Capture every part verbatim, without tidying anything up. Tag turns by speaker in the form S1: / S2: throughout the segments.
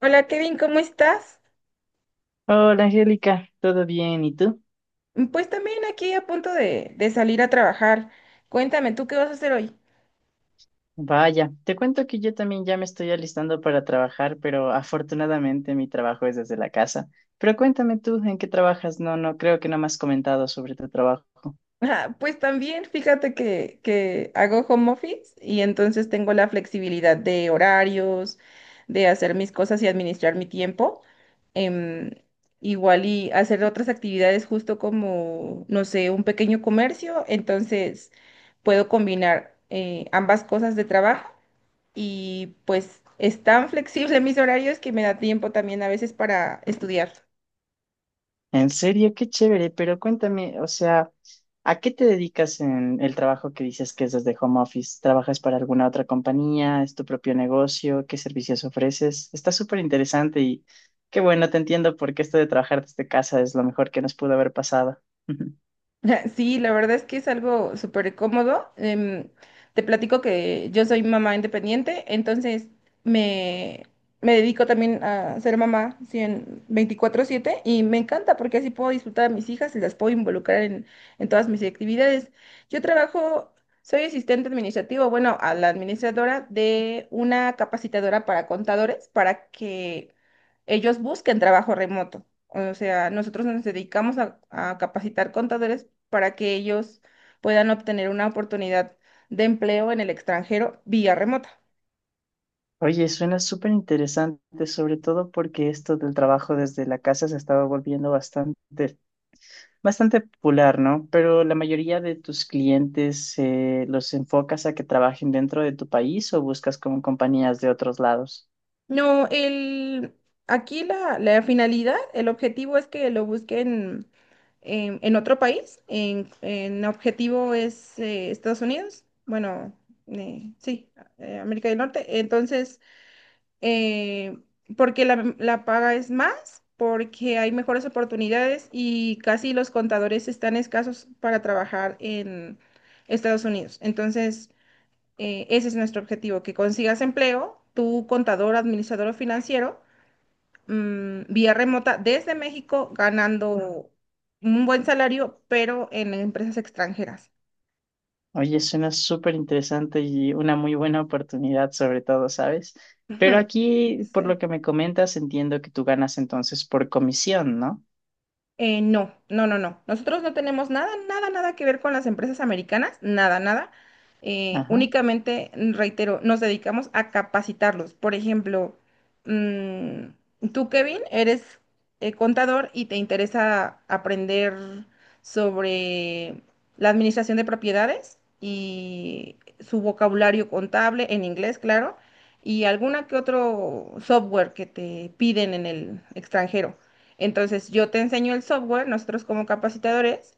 S1: Hola Kevin, ¿cómo estás?
S2: Hola Angélica, ¿todo bien? ¿Y tú?
S1: Pues también aquí a punto de, de salir a trabajar. Cuéntame, ¿tú qué vas a hacer hoy?
S2: Vaya, te cuento que yo también ya me estoy alistando para trabajar, pero afortunadamente mi trabajo es desde la casa. Pero cuéntame tú, ¿en qué trabajas? No, no, creo que no me has comentado sobre tu trabajo.
S1: Ah, pues también, fíjate que, que hago home office y entonces tengo la flexibilidad de horarios, de hacer mis cosas y administrar mi tiempo. Em, Igual y hacer otras actividades justo como, no sé, un pequeño comercio. Entonces puedo combinar eh, ambas cosas de trabajo y pues es tan flexible mis horarios que me da tiempo también a veces para estudiar.
S2: En serio, qué chévere, pero cuéntame, o sea, ¿a qué te dedicas en el trabajo que dices que es desde home office? ¿Trabajas para alguna otra compañía? ¿Es tu propio negocio? ¿Qué servicios ofreces? Está súper interesante y qué bueno, te entiendo porque esto de trabajar desde casa es lo mejor que nos pudo haber pasado.
S1: Sí, la verdad es que es algo súper cómodo. Em, te platico que yo soy mamá independiente, entonces me, me dedico también a ser mamá cien veinticuatro siete y me encanta porque así puedo disfrutar a mis hijas y las puedo involucrar en, en todas mis actividades. Yo trabajo, soy asistente administrativo, bueno, a la administradora de una capacitadora para contadores para que ellos busquen trabajo remoto. O sea, nosotros nos dedicamos a, a capacitar contadores para que ellos puedan obtener una oportunidad de empleo en el extranjero vía remota.
S2: Oye, suena súper interesante, sobre todo porque esto del trabajo desde la casa se estaba volviendo bastante bastante popular, ¿no? Pero la mayoría de tus clientes eh, los enfocas a que trabajen dentro de tu país o buscas como compañías de otros lados.
S1: No, el, aquí la, la finalidad, el objetivo es que lo busquen en, en otro país. En, en objetivo es eh, Estados Unidos, bueno, eh, sí, eh, América del Norte. Entonces, eh, porque la, la paga es más, porque hay mejores oportunidades y casi los contadores están escasos para trabajar en Estados Unidos. Entonces, eh, ese es nuestro objetivo, que consigas empleo, tu contador, administrador o financiero, mm, vía remota desde México, ganando un buen salario, pero en empresas extranjeras.
S2: Oye, suena súper interesante y una muy buena oportunidad, sobre todo, ¿sabes? Pero aquí, por lo
S1: Sí.
S2: que me comentas, entiendo que tú ganas entonces por comisión, ¿no?
S1: Eh, no, no, no, no. Nosotros no tenemos nada, nada, nada que ver con las empresas americanas, nada, nada. Eh,
S2: Ajá.
S1: únicamente, mm, reitero, nos dedicamos a capacitarlos. Por ejemplo, mm, tú, Kevin, eres eh, contador y te interesa aprender sobre la administración de propiedades y su vocabulario contable en inglés, claro, y alguna que otro software que te piden en el extranjero. Entonces, yo te enseño el software, nosotros como capacitadores,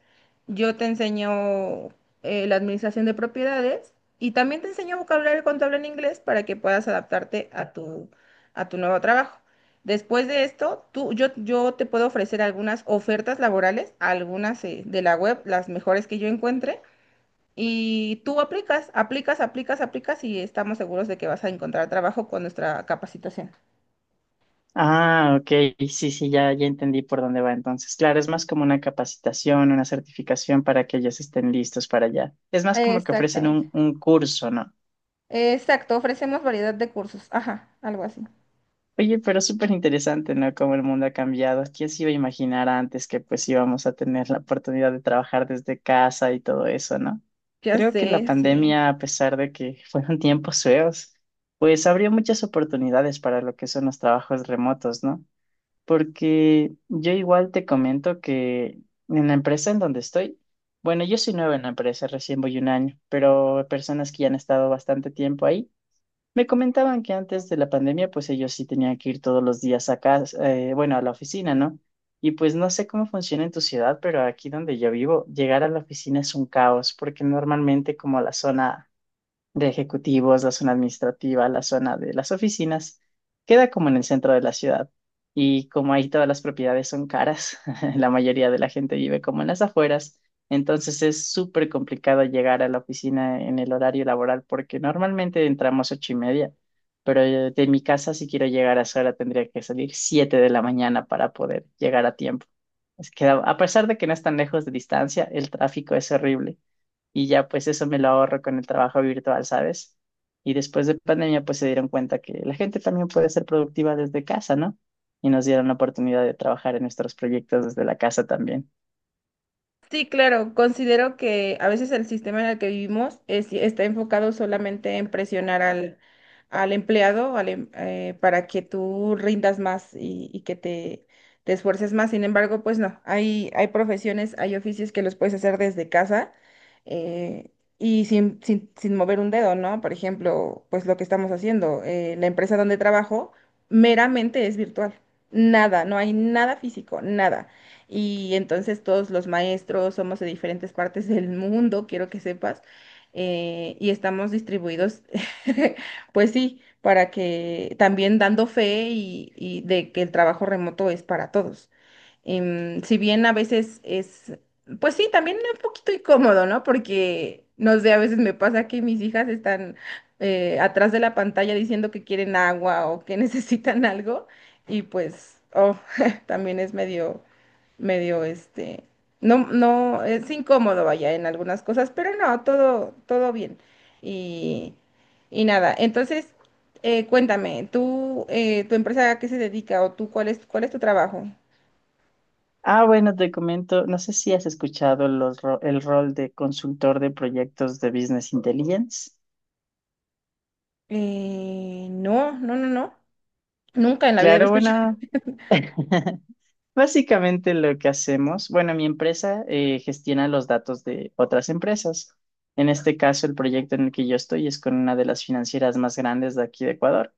S1: yo te enseño eh, la administración de propiedades y también te enseño vocabulario contable en inglés para que puedas adaptarte a tu, a tu nuevo trabajo. Después de esto, tú, yo, yo te puedo ofrecer algunas ofertas laborales, algunas eh, de la web, las mejores que yo encuentre, y tú aplicas, aplicas, aplicas, aplicas y estamos seguros de que vas a encontrar trabajo con nuestra capacitación.
S2: Ah, ok. Sí, sí, ya, ya entendí por dónde va entonces. Claro, es más como una capacitación, una certificación para que ellos estén listos para allá. Es más como que ofrecen
S1: Exactamente.
S2: un, un curso, ¿no?
S1: Exacto, ofrecemos variedad de cursos. Ajá, algo así.
S2: Oye, pero súper interesante, ¿no? Cómo el mundo ha cambiado. ¿Quién se iba a imaginar antes que pues íbamos a tener la oportunidad de trabajar desde casa y todo eso, ¿no?
S1: Ya
S2: Creo
S1: sé,
S2: que la
S1: sí.
S2: pandemia, a pesar de que fueron tiempos feos, pues abrió muchas oportunidades para lo que son los trabajos remotos, ¿no? Porque yo igual te comento que en la empresa en donde estoy, bueno, yo soy nueva en la empresa, recién voy un año, pero personas que ya han estado bastante tiempo ahí, me comentaban que antes de la pandemia, pues ellos sí tenían que ir todos los días a casa, eh, bueno, a la oficina, ¿no? Y pues no sé cómo funciona en tu ciudad, pero aquí donde yo vivo, llegar a la oficina es un caos, porque normalmente como la zona de ejecutivos, la zona administrativa, la zona de las oficinas, queda como en el centro de la ciudad. Y como ahí todas las propiedades son caras, la mayoría de la gente vive como en las afueras, entonces es súper complicado llegar a la oficina en el horario laboral porque normalmente entramos ocho y media, pero eh, de mi casa si quiero llegar a esa hora tendría que salir siete de la mañana para poder llegar a tiempo. Es que a a pesar de que no es tan lejos de distancia, el tráfico es horrible y ya pues eso me lo ahorro con el trabajo virtual, ¿sabes? Y después de pandemia pues se dieron cuenta que la gente también puede ser productiva desde casa, ¿no? Y nos dieron la oportunidad de trabajar en nuestros proyectos desde la casa también.
S1: Sí, claro, considero que a veces el sistema en el que vivimos es- está enfocado solamente en presionar al, al empleado al em- eh, para que tú rindas más y, y que te, te esfuerces más. Sin embargo, pues no, hay, hay profesiones, hay oficios que los puedes hacer desde casa, eh, y sin, sin, sin mover un dedo, ¿no? Por ejemplo, pues lo que estamos haciendo, eh, la empresa donde trabajo meramente es virtual. Nada, no hay nada físico, nada. Y entonces todos los maestros somos de diferentes partes del mundo, quiero que sepas, eh, y estamos distribuidos, pues sí, para que también dando fe y, y de que el trabajo remoto es para todos. Em, si bien a veces es, pues sí, también un poquito incómodo, ¿no? Porque, no sé, a veces me pasa que mis hijas están eh, atrás de la pantalla diciendo que quieren agua o que necesitan algo, y pues, oh, también es medio medio, este, no, no, es incómodo, vaya, en algunas cosas, pero no, todo, todo bien. Y, y nada, entonces, eh, cuéntame, tú, eh, tu empresa a qué se dedica o tú, ¿cuál es, cuál es tu trabajo?
S2: Ah, bueno, te comento, no sé si has escuchado los ro- el rol de consultor de proyectos de Business Intelligence.
S1: Eh, no, no, no, no, nunca en la vida había
S2: Claro,
S1: escuchado.
S2: bueno. Básicamente lo que hacemos, bueno, mi empresa eh, gestiona los datos de otras empresas. En este caso, el proyecto en el que yo estoy es con una de las financieras más grandes de aquí de Ecuador,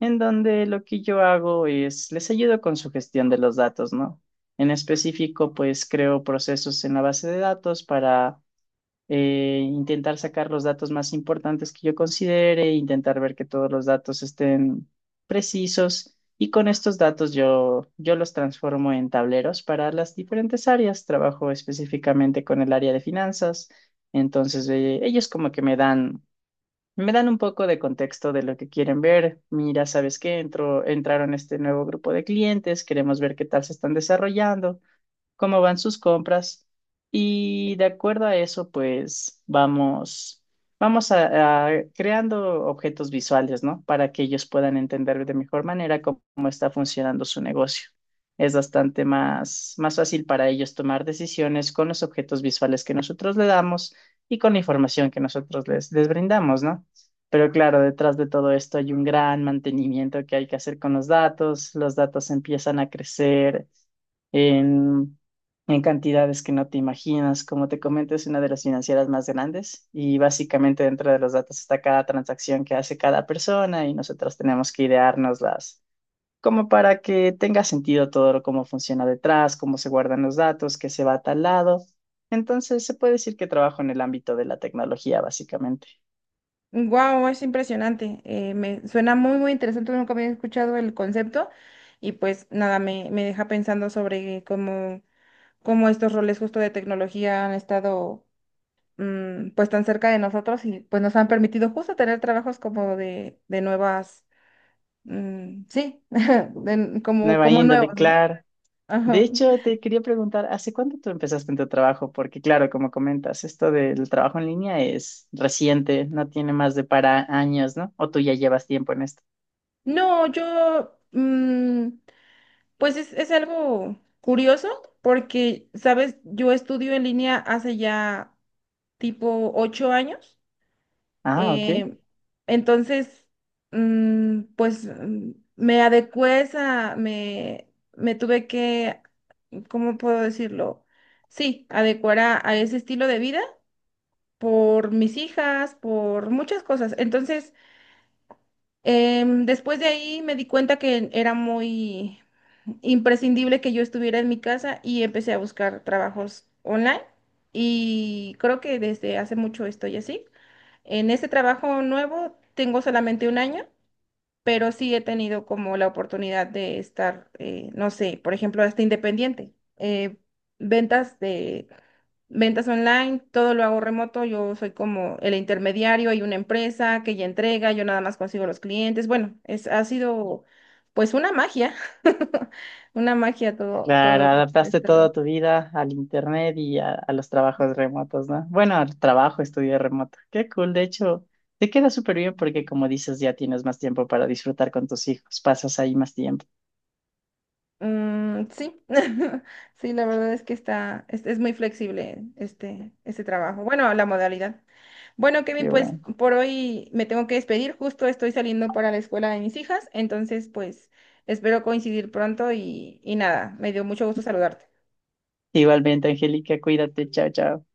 S2: en donde lo que yo hago es les ayudo con su gestión de los datos, ¿no? En específico, pues creo procesos en la base de datos para eh, intentar sacar los datos más importantes que yo considere, intentar ver que todos los datos estén precisos y con estos datos yo, yo los transformo en tableros para las diferentes áreas. Trabajo específicamente con el área de finanzas, entonces eh, ellos como que me dan... Me dan un poco de contexto de lo que quieren ver. Mira, ¿sabes qué? Entró, entraron este nuevo grupo de clientes, queremos ver qué tal se están desarrollando cómo van sus compras y de acuerdo a eso, pues vamos, vamos a, a creando objetos visuales, ¿no? Para que ellos puedan entender de mejor manera cómo, cómo está funcionando su negocio. Es bastante más, más fácil para ellos tomar decisiones con los objetos visuales que nosotros le damos y con la información que nosotros les, les brindamos, ¿no? Pero claro, detrás de todo esto hay un gran mantenimiento que hay que hacer con los datos. Los datos empiezan a crecer en, en cantidades que no te imaginas. Como te comento, es una de las financieras más grandes y básicamente dentro de los datos está cada transacción que hace cada persona y nosotros tenemos que ideárnoslas como para que tenga sentido todo lo- cómo funciona detrás, cómo se guardan los datos, qué se va a tal lado. Entonces, se puede decir que trabajo en el ámbito de la tecnología, básicamente.
S1: Wow, es impresionante. eh, me suena muy, muy interesante. Nunca había escuchado el concepto y pues nada, me, me deja pensando sobre cómo, cómo estos roles justo de tecnología han estado. Mm, pues tan cerca de nosotros y pues nos han permitido justo tener trabajos como de, de nuevas, mm, sí, de- como,
S2: Nueva
S1: como
S2: índole,
S1: nuevos, ¿no?
S2: claro. De
S1: Ajá.
S2: hecho, te quería preguntar, ¿hace cuánto tú empezaste en tu trabajo? Porque claro, como comentas, esto del trabajo en línea es reciente, no tiene más de para años, ¿no? O tú ya llevas tiempo en esto.
S1: No, yo, mm, pues es, es algo curioso porque, sabes, yo estudio en línea hace ya tipo ocho años,
S2: Ah, ok.
S1: eh, entonces, mm, pues mm, me adecué a esa, me, me tuve que ¿cómo puedo decirlo? Sí, adecuar a, a ese estilo de vida por mis hijas, por muchas cosas. Entonces, em, después de ahí me di cuenta que era muy imprescindible que yo estuviera en mi casa y empecé a buscar trabajos online y creo que desde hace mucho estoy así. En este trabajo nuevo tengo solamente un año. Pero sí he tenido como la oportunidad de estar, eh, no sé, por ejemplo, hasta independiente. eh, ventas de Ventas online, todo lo hago remoto, yo soy como el intermediario, hay una empresa que ya entrega, yo nada más consigo los clientes. Bueno, es, ha sido pues una magia, una magia todo,
S2: Claro,
S1: todo
S2: adaptaste
S1: esto.
S2: toda tu vida al internet y a, a los trabajos remotos, ¿no? Bueno, al trabajo, estudio remoto. Qué cool, de hecho, te queda súper bien porque como dices, ya tienes más tiempo para disfrutar con tus hijos, pasas ahí más tiempo.
S1: Mm, sí, sí, la verdad es que está, es, es muy flexible este, este trabajo. Bueno, la modalidad. Bueno, Kevin,
S2: Qué
S1: pues
S2: bueno.
S1: por hoy me tengo que despedir, justo estoy saliendo para la escuela de mis hijas, entonces pues espero coincidir pronto y, y nada, me dio mucho gusto saludarte.
S2: Igualmente, Angélica, cuídate, chao, chao.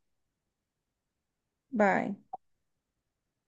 S1: Bye.